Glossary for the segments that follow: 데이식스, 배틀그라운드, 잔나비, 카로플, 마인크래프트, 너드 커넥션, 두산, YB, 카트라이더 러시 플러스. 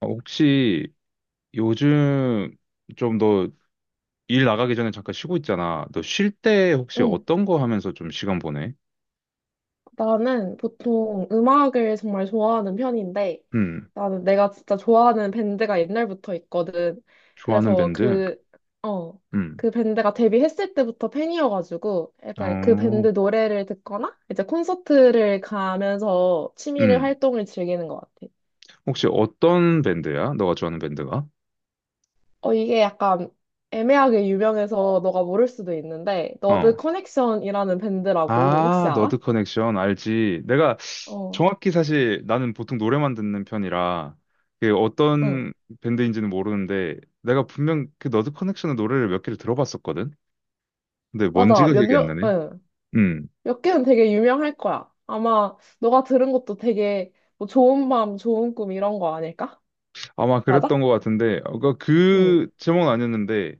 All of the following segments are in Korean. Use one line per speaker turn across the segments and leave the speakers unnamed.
혹시 요즘 좀 너 일 나가기 전에 잠깐 쉬고 있잖아. 너 쉴 때 혹시
응,
어떤 거 하면서 좀 시간 보내?
나는 보통 음악을 정말 좋아하는 편인데,
음.
나는 내가 진짜 좋아하는 밴드가 옛날부터 있거든.
좋아하는
그래서
밴드?
어,
음.
그 밴드가 데뷔했을 때부터 팬이어가지고, 일단 그
어.
밴드 노래를 듣거나, 이제 콘서트를 가면서 취미를
음.
활동을 즐기는 것 같아.
혹시 어떤 밴드야? 너가 좋아하는 밴드가?
이게 약간 애매하게 유명해서 너가 모를 수도 있는데, 너드
어.
커넥션이라는 밴드라고 혹시
아, 너드
알아?
커넥션 알지. 내가
어,
정확히 사실 나는 보통 노래만 듣는 편이라 그
응.
어떤 밴드인지는 모르는데 내가 분명 그 너드 커넥션의 노래를 몇 개를 들어봤었거든. 근데
맞아.
뭔지가 기억이 안
몇몇,
나네.
응.
음.
몇 개는 되게 유명할 거야. 아마 너가 들은 것도 되게 뭐 좋은 밤, 좋은 꿈 이런 거 아닐까?
아마 그랬던
맞아?
것 같은데, 어,
응.
그그 제목은 아니었는데,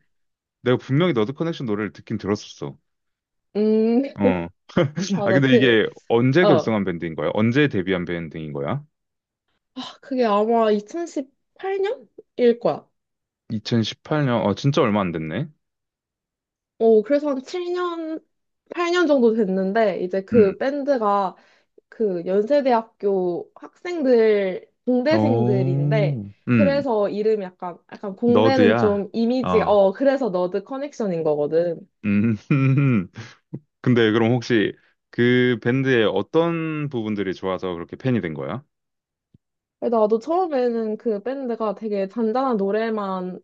내가 분명히 너드 커넥션 노래를 듣긴 들었었어.
음,
어. 아,
맞아.
근데 이게 언제
어.
결성한 밴드인 거야? 언제 데뷔한 밴드인 거야?
아, 그게 아마 2018년일 거야.
2018년, 진짜 얼마 안 됐네.
그래서 한 7년, 8년 정도 됐는데, 이제
음.
그 밴드가 그 연세대학교 학생들, 공대생들인데,
오. 음.
그래서 이름이 약간, 약간 공대는
너드야?
좀 이미지가,
어.
그래서 너드 커넥션인 거거든.
음. 근데 그럼 혹시 그 밴드의 어떤 부분들이 좋아서 그렇게 팬이 된 거야?
나도 처음에는 그 밴드가 되게 잔잔한 노래만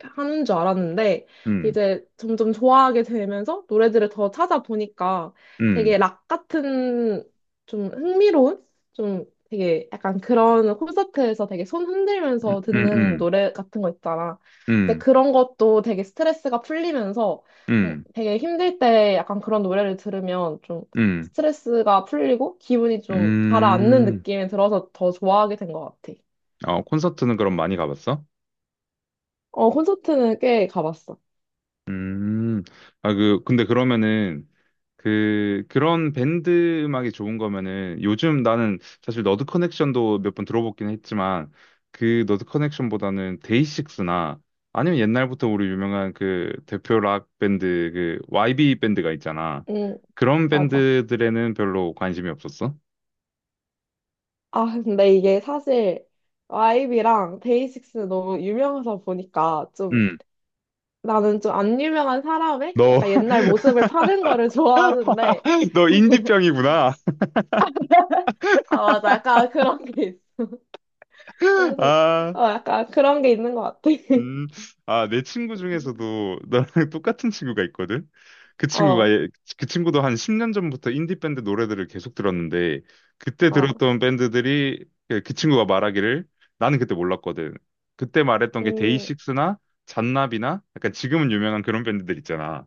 하는 줄 알았는데
음.
이제 점점 좋아하게 되면서 노래들을 더 찾아보니까
음.
되게 락 같은 좀 흥미로운 좀 되게 약간 그런 콘서트에서 되게 손 흔들면서
음. 음.
듣는
음.
노래 같은 거 있잖아. 근데
음.
그런 것도 되게 스트레스가 풀리면서
음.
되게 힘들 때 약간 그런 노래를 들으면 좀
음.
스트레스가 풀리고 기분이 좀 가라앉는
음.
느낌이 들어서 더 좋아하게 된 것 같아.
어, 콘서트는 그럼 많이 가봤어?
어, 콘서트는 꽤 가봤어.
음. 아, 근데 그러면은, 그런 밴드 음악이 좋은 거면은, 요즘 나는 사실 너드 커넥션도 몇 번 들어보긴 했지만, 그 너드 커넥션보다는 데이식스나, 아니면 옛날부터 우리 유명한 그 대표 락 밴드, 그 YB 밴드가 있잖아.
응,
그런
맞아.
밴드들에는 별로 관심이 없었어?
아, 근데 이게 사실 YB랑 데이식스 너무 유명해서 보니까 좀
음.
나는 좀 안 유명한 사람의
너,
약간 옛날 모습을 파는 거를 좋아하는데
너 인디병이구나.
아, 맞아. 약간 그런 게 있어. 그래서
아.
약간 그런 게 있는 것 같아.
음, 아, 내 친구 중에서도 나랑 똑같은 친구가 있거든? 그 친구가,
어,
그 친구도 한 10년 전부터 인디밴드 노래들을 계속 들었는데, 그때
어,
들었던 밴드들이, 그 친구가 말하기를, 나는 그때 몰랐거든. 그때 말했던 게
음,
데이식스나 잔나비나, 약간 지금은 유명한 그런 밴드들 있잖아.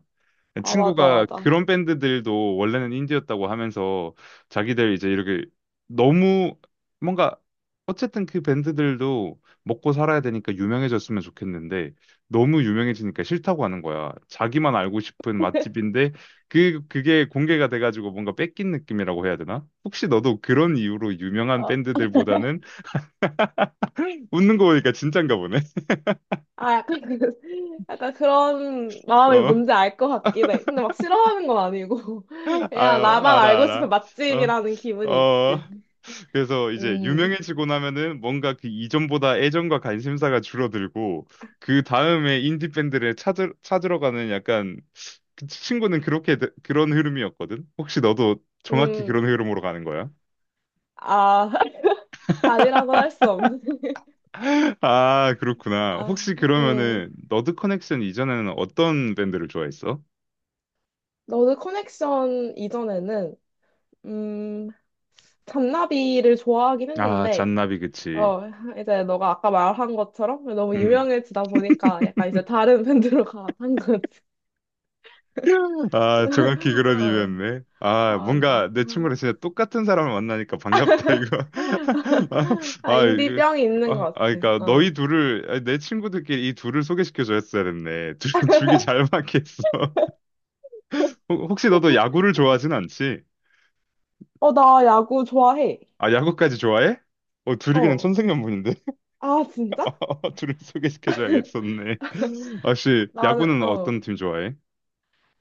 아, 맞아,
친구가
맞아.
그런 밴드들도 원래는 인디였다고 하면서 자기들 이제 이렇게 너무 뭔가 어쨌든 그 밴드들도 먹고 살아야 되니까 유명해졌으면 좋겠는데 너무 유명해지니까 싫다고 하는 거야. 자기만 알고 싶은 맛집인데 그게 공개가 돼가지고 뭔가 뺏긴 느낌이라고 해야 되나? 혹시 너도 그런 이유로 유명한
어,
밴드들보다는 웃는 거 보니까 진짠가 보네.
아, 약간, 약간 그런 마음이
어,
뭔지 알 것 같긴 해. 근데 막 싫어하는 건 아니고,
아,
그냥 나만
알아
알고
알아.
싶은 맛집이라는
어,
기분이
어.
있지.
그래서 이제
음.
유명해지고 나면은 뭔가 그 이전보다 애정과 관심사가 줄어들고 그 다음에 인디 밴드를 찾으러 가는 약간 그 친구는 그렇게 그런 흐름이었거든. 혹시 너도 정확히
음,
그런 흐름으로 가는 거야?
아, 아니라고는 할 수 없는.
아, 그렇구나. 혹시
아,
그러면은 너드 커넥션 이전에는 어떤 밴드를 좋아했어?
너드 커넥션 이전에는, 음, 잔나비를 좋아하긴
아,
했는데,
잔나비 그치.
어, 이제 너가 아까 말한 것처럼 너무
음.
유명해지다 보니까 약간 이제 다른 밴드로 가한 거지.
아, 정확히 그런
어,
일이었네. 아,
맞아.
뭔가 내 친구랑 진짜 똑같은 사람을 만나니까 반갑다, 이거. 아,
아,
아, 이거.
인디병이
아,
있는 것
아,
같아.
그러니까 너희
어.
둘을 아니, 내 친구들끼리 이 둘을 소개시켜 줬어야 됐네. 둘 둘이 잘 맞겠어. 혹시 너도 야구를 좋아하진 않지?
어, 나 야구 좋아해.
아, 야구까지 좋아해? 어, 둘이 그냥
어.
천생연분인데.
아, 진짜?
어, 둘을 소개시켜 줘야겠었네. 혹시
나는,
야구는
어.
어떤 팀 좋아해?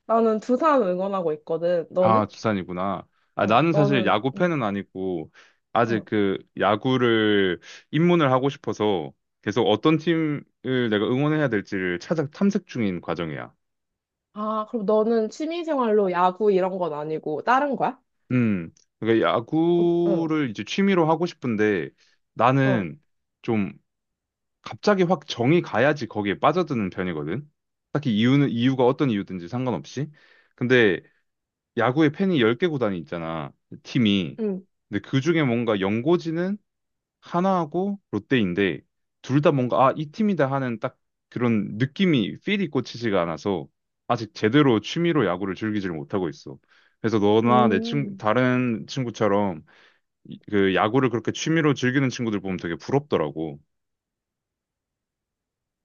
나는 두산 응원하고 있거든.
아,
너는?
두산이구나. 아,
어,
나는 사실
너는,
야구
응,
팬은 아니고, 아직
어.
그 야구를 입문을 하고 싶어서 계속 어떤 팀을 내가 응원해야 될지를 찾아 탐색 중인 과정이야.
아, 그럼 너는 취미생활로 야구 이런 건 아니고 다른 거야?
음, 그러니까
어, 응,
야구를 이제 취미로 하고 싶은데
어,
나는 좀 갑자기 확 정이 가야지 거기에 빠져드는 편이거든. 딱히 이유는, 이유가 어떤 이유든지 상관없이. 근데 야구에 팬이 10개 구단이 있잖아, 팀이.
응,
근데 그 중에 뭔가 연고지는 하나하고 롯데인데 둘 다 뭔가 아, 이 팀이다 하는 딱 그런 느낌이 필이 꽂히지가 않아서 아직 제대로 취미로 야구를 즐기질 못하고 있어. 그래서 너나
음.
다른 친구처럼 그 야구를 그렇게 취미로 즐기는 친구들 보면 되게 부럽더라고.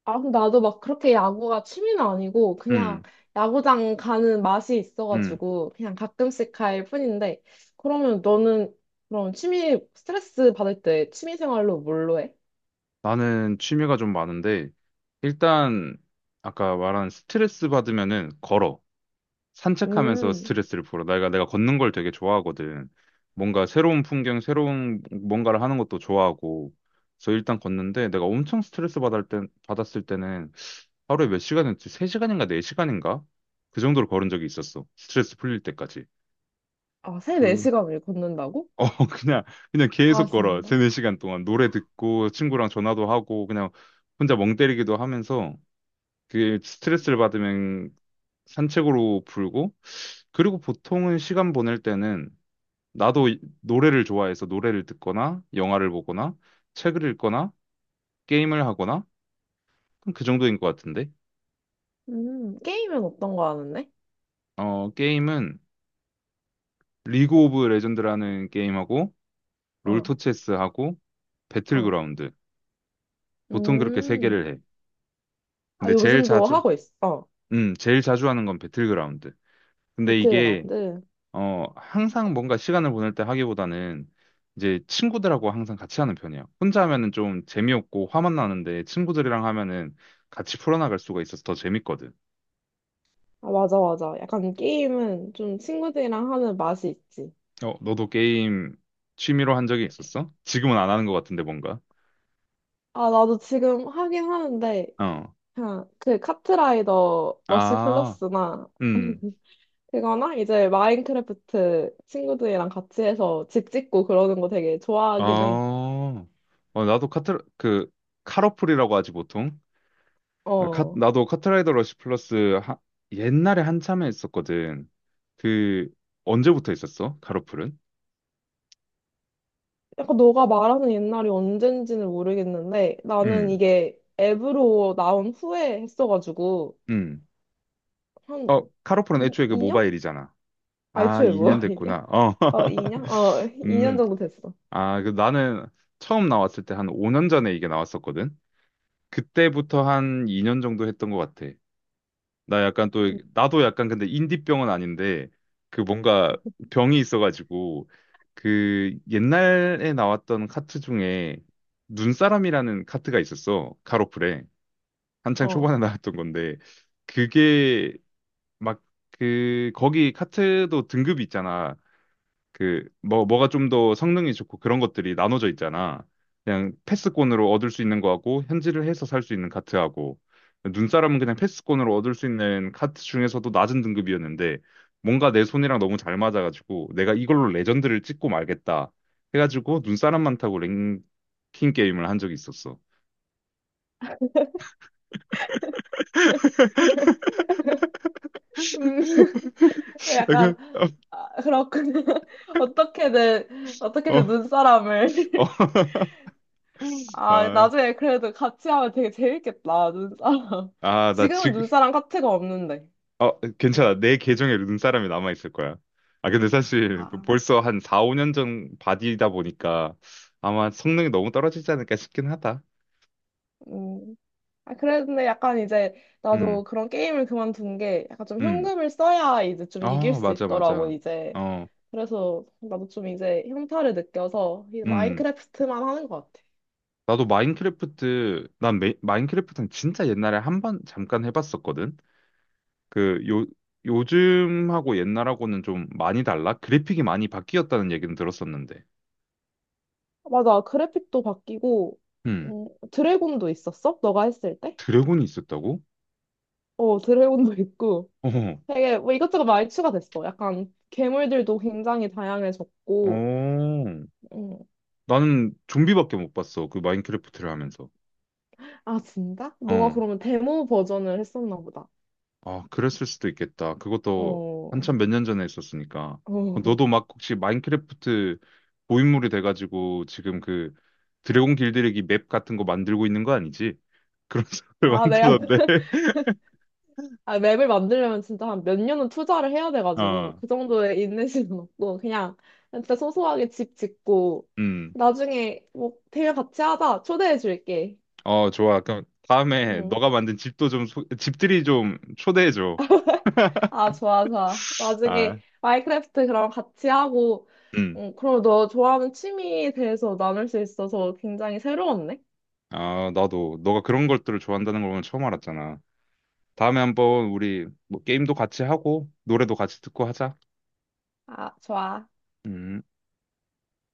아, 그럼 나도 막 그렇게 야구가 취미는 아니고 그냥
음.
야구장 가는 맛이
음.
있어가지고 그냥 가끔씩 갈 뿐인데 그러면 너는 그럼 취미, 스트레스 받을 때 취미생활로 뭘로 해?
나는 취미가 좀 많은데 일단 아까 말한 스트레스 받으면은 걸어. 산책하면서
음.
스트레스를 풀어. 내가 걷는 걸 되게 좋아하거든. 뭔가 새로운 풍경, 새로운 뭔가를 하는 것도 좋아하고. 그래서 일단 걷는데 내가 엄청 스트레스 받을 때, 받았을 때는 하루에 몇 시간이었지? 3시간인가 4시간인가? 그 정도로 걸은 적이 있었어. 스트레스 풀릴 때까지.
아, 3,
그
4시간을 걷는다고?
어, 그냥 그냥
아,
계속 걸어.
진짜?
3, 4시간 동안 노래 듣고 친구랑 전화도 하고 그냥 혼자 멍 때리기도 하면서 그게 스트레스를 받으면 산책으로 풀고 그리고 보통은 시간 보낼 때는 나도 노래를 좋아해서 노래를 듣거나 영화를 보거나 책을 읽거나 게임을 하거나 그럼 그 정도인 것 같은데.
게임은 어떤 거 하는데?
어, 게임은 리그 오브 레전드라는 게임하고
어.
롤토체스하고
어.
배틀그라운드. 보통 그렇게 세
음.
개를 해.
아,
근데
요즘도 하고 있어. 어.
제일 자주 하는 건 배틀그라운드. 근데 이게
배틀그라운드.
항상 뭔가 시간을 보낼 때 하기보다는 이제 친구들하고 항상 같이 하는 편이에요. 혼자 하면은 좀 재미없고 화만 나는데 친구들이랑 하면은 같이 풀어나갈 수가 있어서 더 재밌거든.
아, 맞아, 맞아. 약간 게임은 좀 친구들이랑 하는 맛이 있지.
어, 너도 게임 취미로 한 적이 있었어? 지금은 안 하는 것 같은데 뭔가.
아, 나도 지금 하긴 하는데,
어.
그냥 그 카트라이더 러쉬
아,
플러스나,
음.
그거나 이제 마인크래프트 친구들이랑 같이 해서 집 짓고 그러는 거 되게 좋아하긴 해.
아, 나도 카트, 카로플이라고 하지 보통. 아,
어.
나도 카트라이더 러시 플러스 옛날에 한참에 했었거든. 그, 언제부터 있었어? 카로플은?
약간 너가 말하는 옛날이 언젠지는 모르겠는데, 나는
음.
이게 앱으로 나온 후에 했어가지고,
음.
한
어, 카로플은 애초에 그
2년?
모바일이잖아.
아,
아,
애초에 뭐
2년
일이야?
됐구나. 어.
어, 2년? 어, 2년
음,
정도 됐어.
아, 그 나는 처음 나왔을 때 한 5년 전에 이게 나왔었거든. 그때부터 한 2년 정도 했던 것 같아. 나 약간 또, 나도 약간 근데 인디병은 아닌데, 그 뭔가 병이 있어가지고, 그 옛날에 나왔던 카트 중에 눈사람이라는 카트가 있었어. 카로플에. 한창
어.
초반에 나왔던 건데, 그게 막 그 거기 카트도 등급이 있잖아. 그 뭐가 좀 더 성능이 좋고 그런 것들이 나눠져 있잖아. 그냥 패스권으로 얻을 수 있는 거하고 현질을 해서 살 수 있는 카트하고 눈사람은 그냥 패스권으로 얻을 수 있는 카트 중에서도 낮은 등급이었는데 뭔가 내 손이랑 너무 잘 맞아가지고 내가 이걸로 레전드를 찍고 말겠다 해가지고 눈사람만 타고 랭킹 게임을 한 적이 있었어.
음, 약간, 아, 그렇군요. 어떻게든,
어, 어.
어떻게든 눈사람을. 아,
아,
나중에 그래도 같이 하면 되게 재밌겠다, 눈사람.
아,
지금은 눈사람 카트가 없는데.
괜찮아. 내 계정에 눈사람이 남아있을 거야. 아, 근데 사실 뭐
아,
벌써 한 4, 5년 전 바디다 보니까 아마 성능이 너무 떨어지지 않을까 싶긴 하다.
음. 아, 그랬는데 약간 이제
음.
나도 그런 게임을 그만둔 게 약간 좀
음.
현금을 써야 이제 좀 이길
아,
수
맞아,
있더라고,
맞아.
이제.
어.
그래서 나도 좀 이제 현타를 느껴서 이
음.
마인크래프트만 하는 것 같아.
나도 마인크래프트, 마인크래프트는 진짜 옛날에 한번 잠깐 해봤었거든. 그, 요, 요즘하고 옛날하고는 좀 많이 달라? 그래픽이 많이 바뀌었다는 얘기는 들었었는데.
맞아, 그래픽도 바뀌고,
음.
드래곤도 있었어? 너가 했을 때?
드래곤이 있었다고?
어, 드래곤도 있고.
어,
되게 뭐 이것저것 많이 추가됐어. 약간 괴물들도 굉장히 다양해졌고.
어.
음.
나는 좀비밖에 못 봤어. 그 마인크래프트를 하면서.
아, 진짜? 너가
어.
그러면 데모 버전을 했었나 보다.
아, 그랬을 수도 있겠다. 그것도
어.
한참 몇 년 전에 있었으니까.
어.
너도 막 혹시 마인크래프트 고인물이 돼가지고 지금 그 드래곤 길들이기 맵 같은 거 만들고 있는 거 아니지? 그런 사람을
아,
만드는데.
맵을 만들려면 진짜 한 몇 년은 투자를 해야 돼가지고,
어,
그 정도의 인내심은 없고, 그냥 진짜 소소하게 집 짓고,
음.
나중에 뭐, 대회 같이 하자. 초대해 줄게.
어, 좋아. 그럼 다음에
응.
너가 만든 집도 좀, 집들이 좀 초대해줘.
아, 좋아, 좋아.
아,
나중에 마인크래프트 그럼 같이 하고,
음.
응, 그럼 너 좋아하는 취미에 대해서 나눌 수 있어서 굉장히 새로웠네.
아, 나도 너가 그런 것들을 좋아한다는 걸 오늘 처음 알았잖아. 다음에 한번 우리 뭐 게임도 같이 하고 노래도 같이 듣고 하자.
아, 좋아.
음.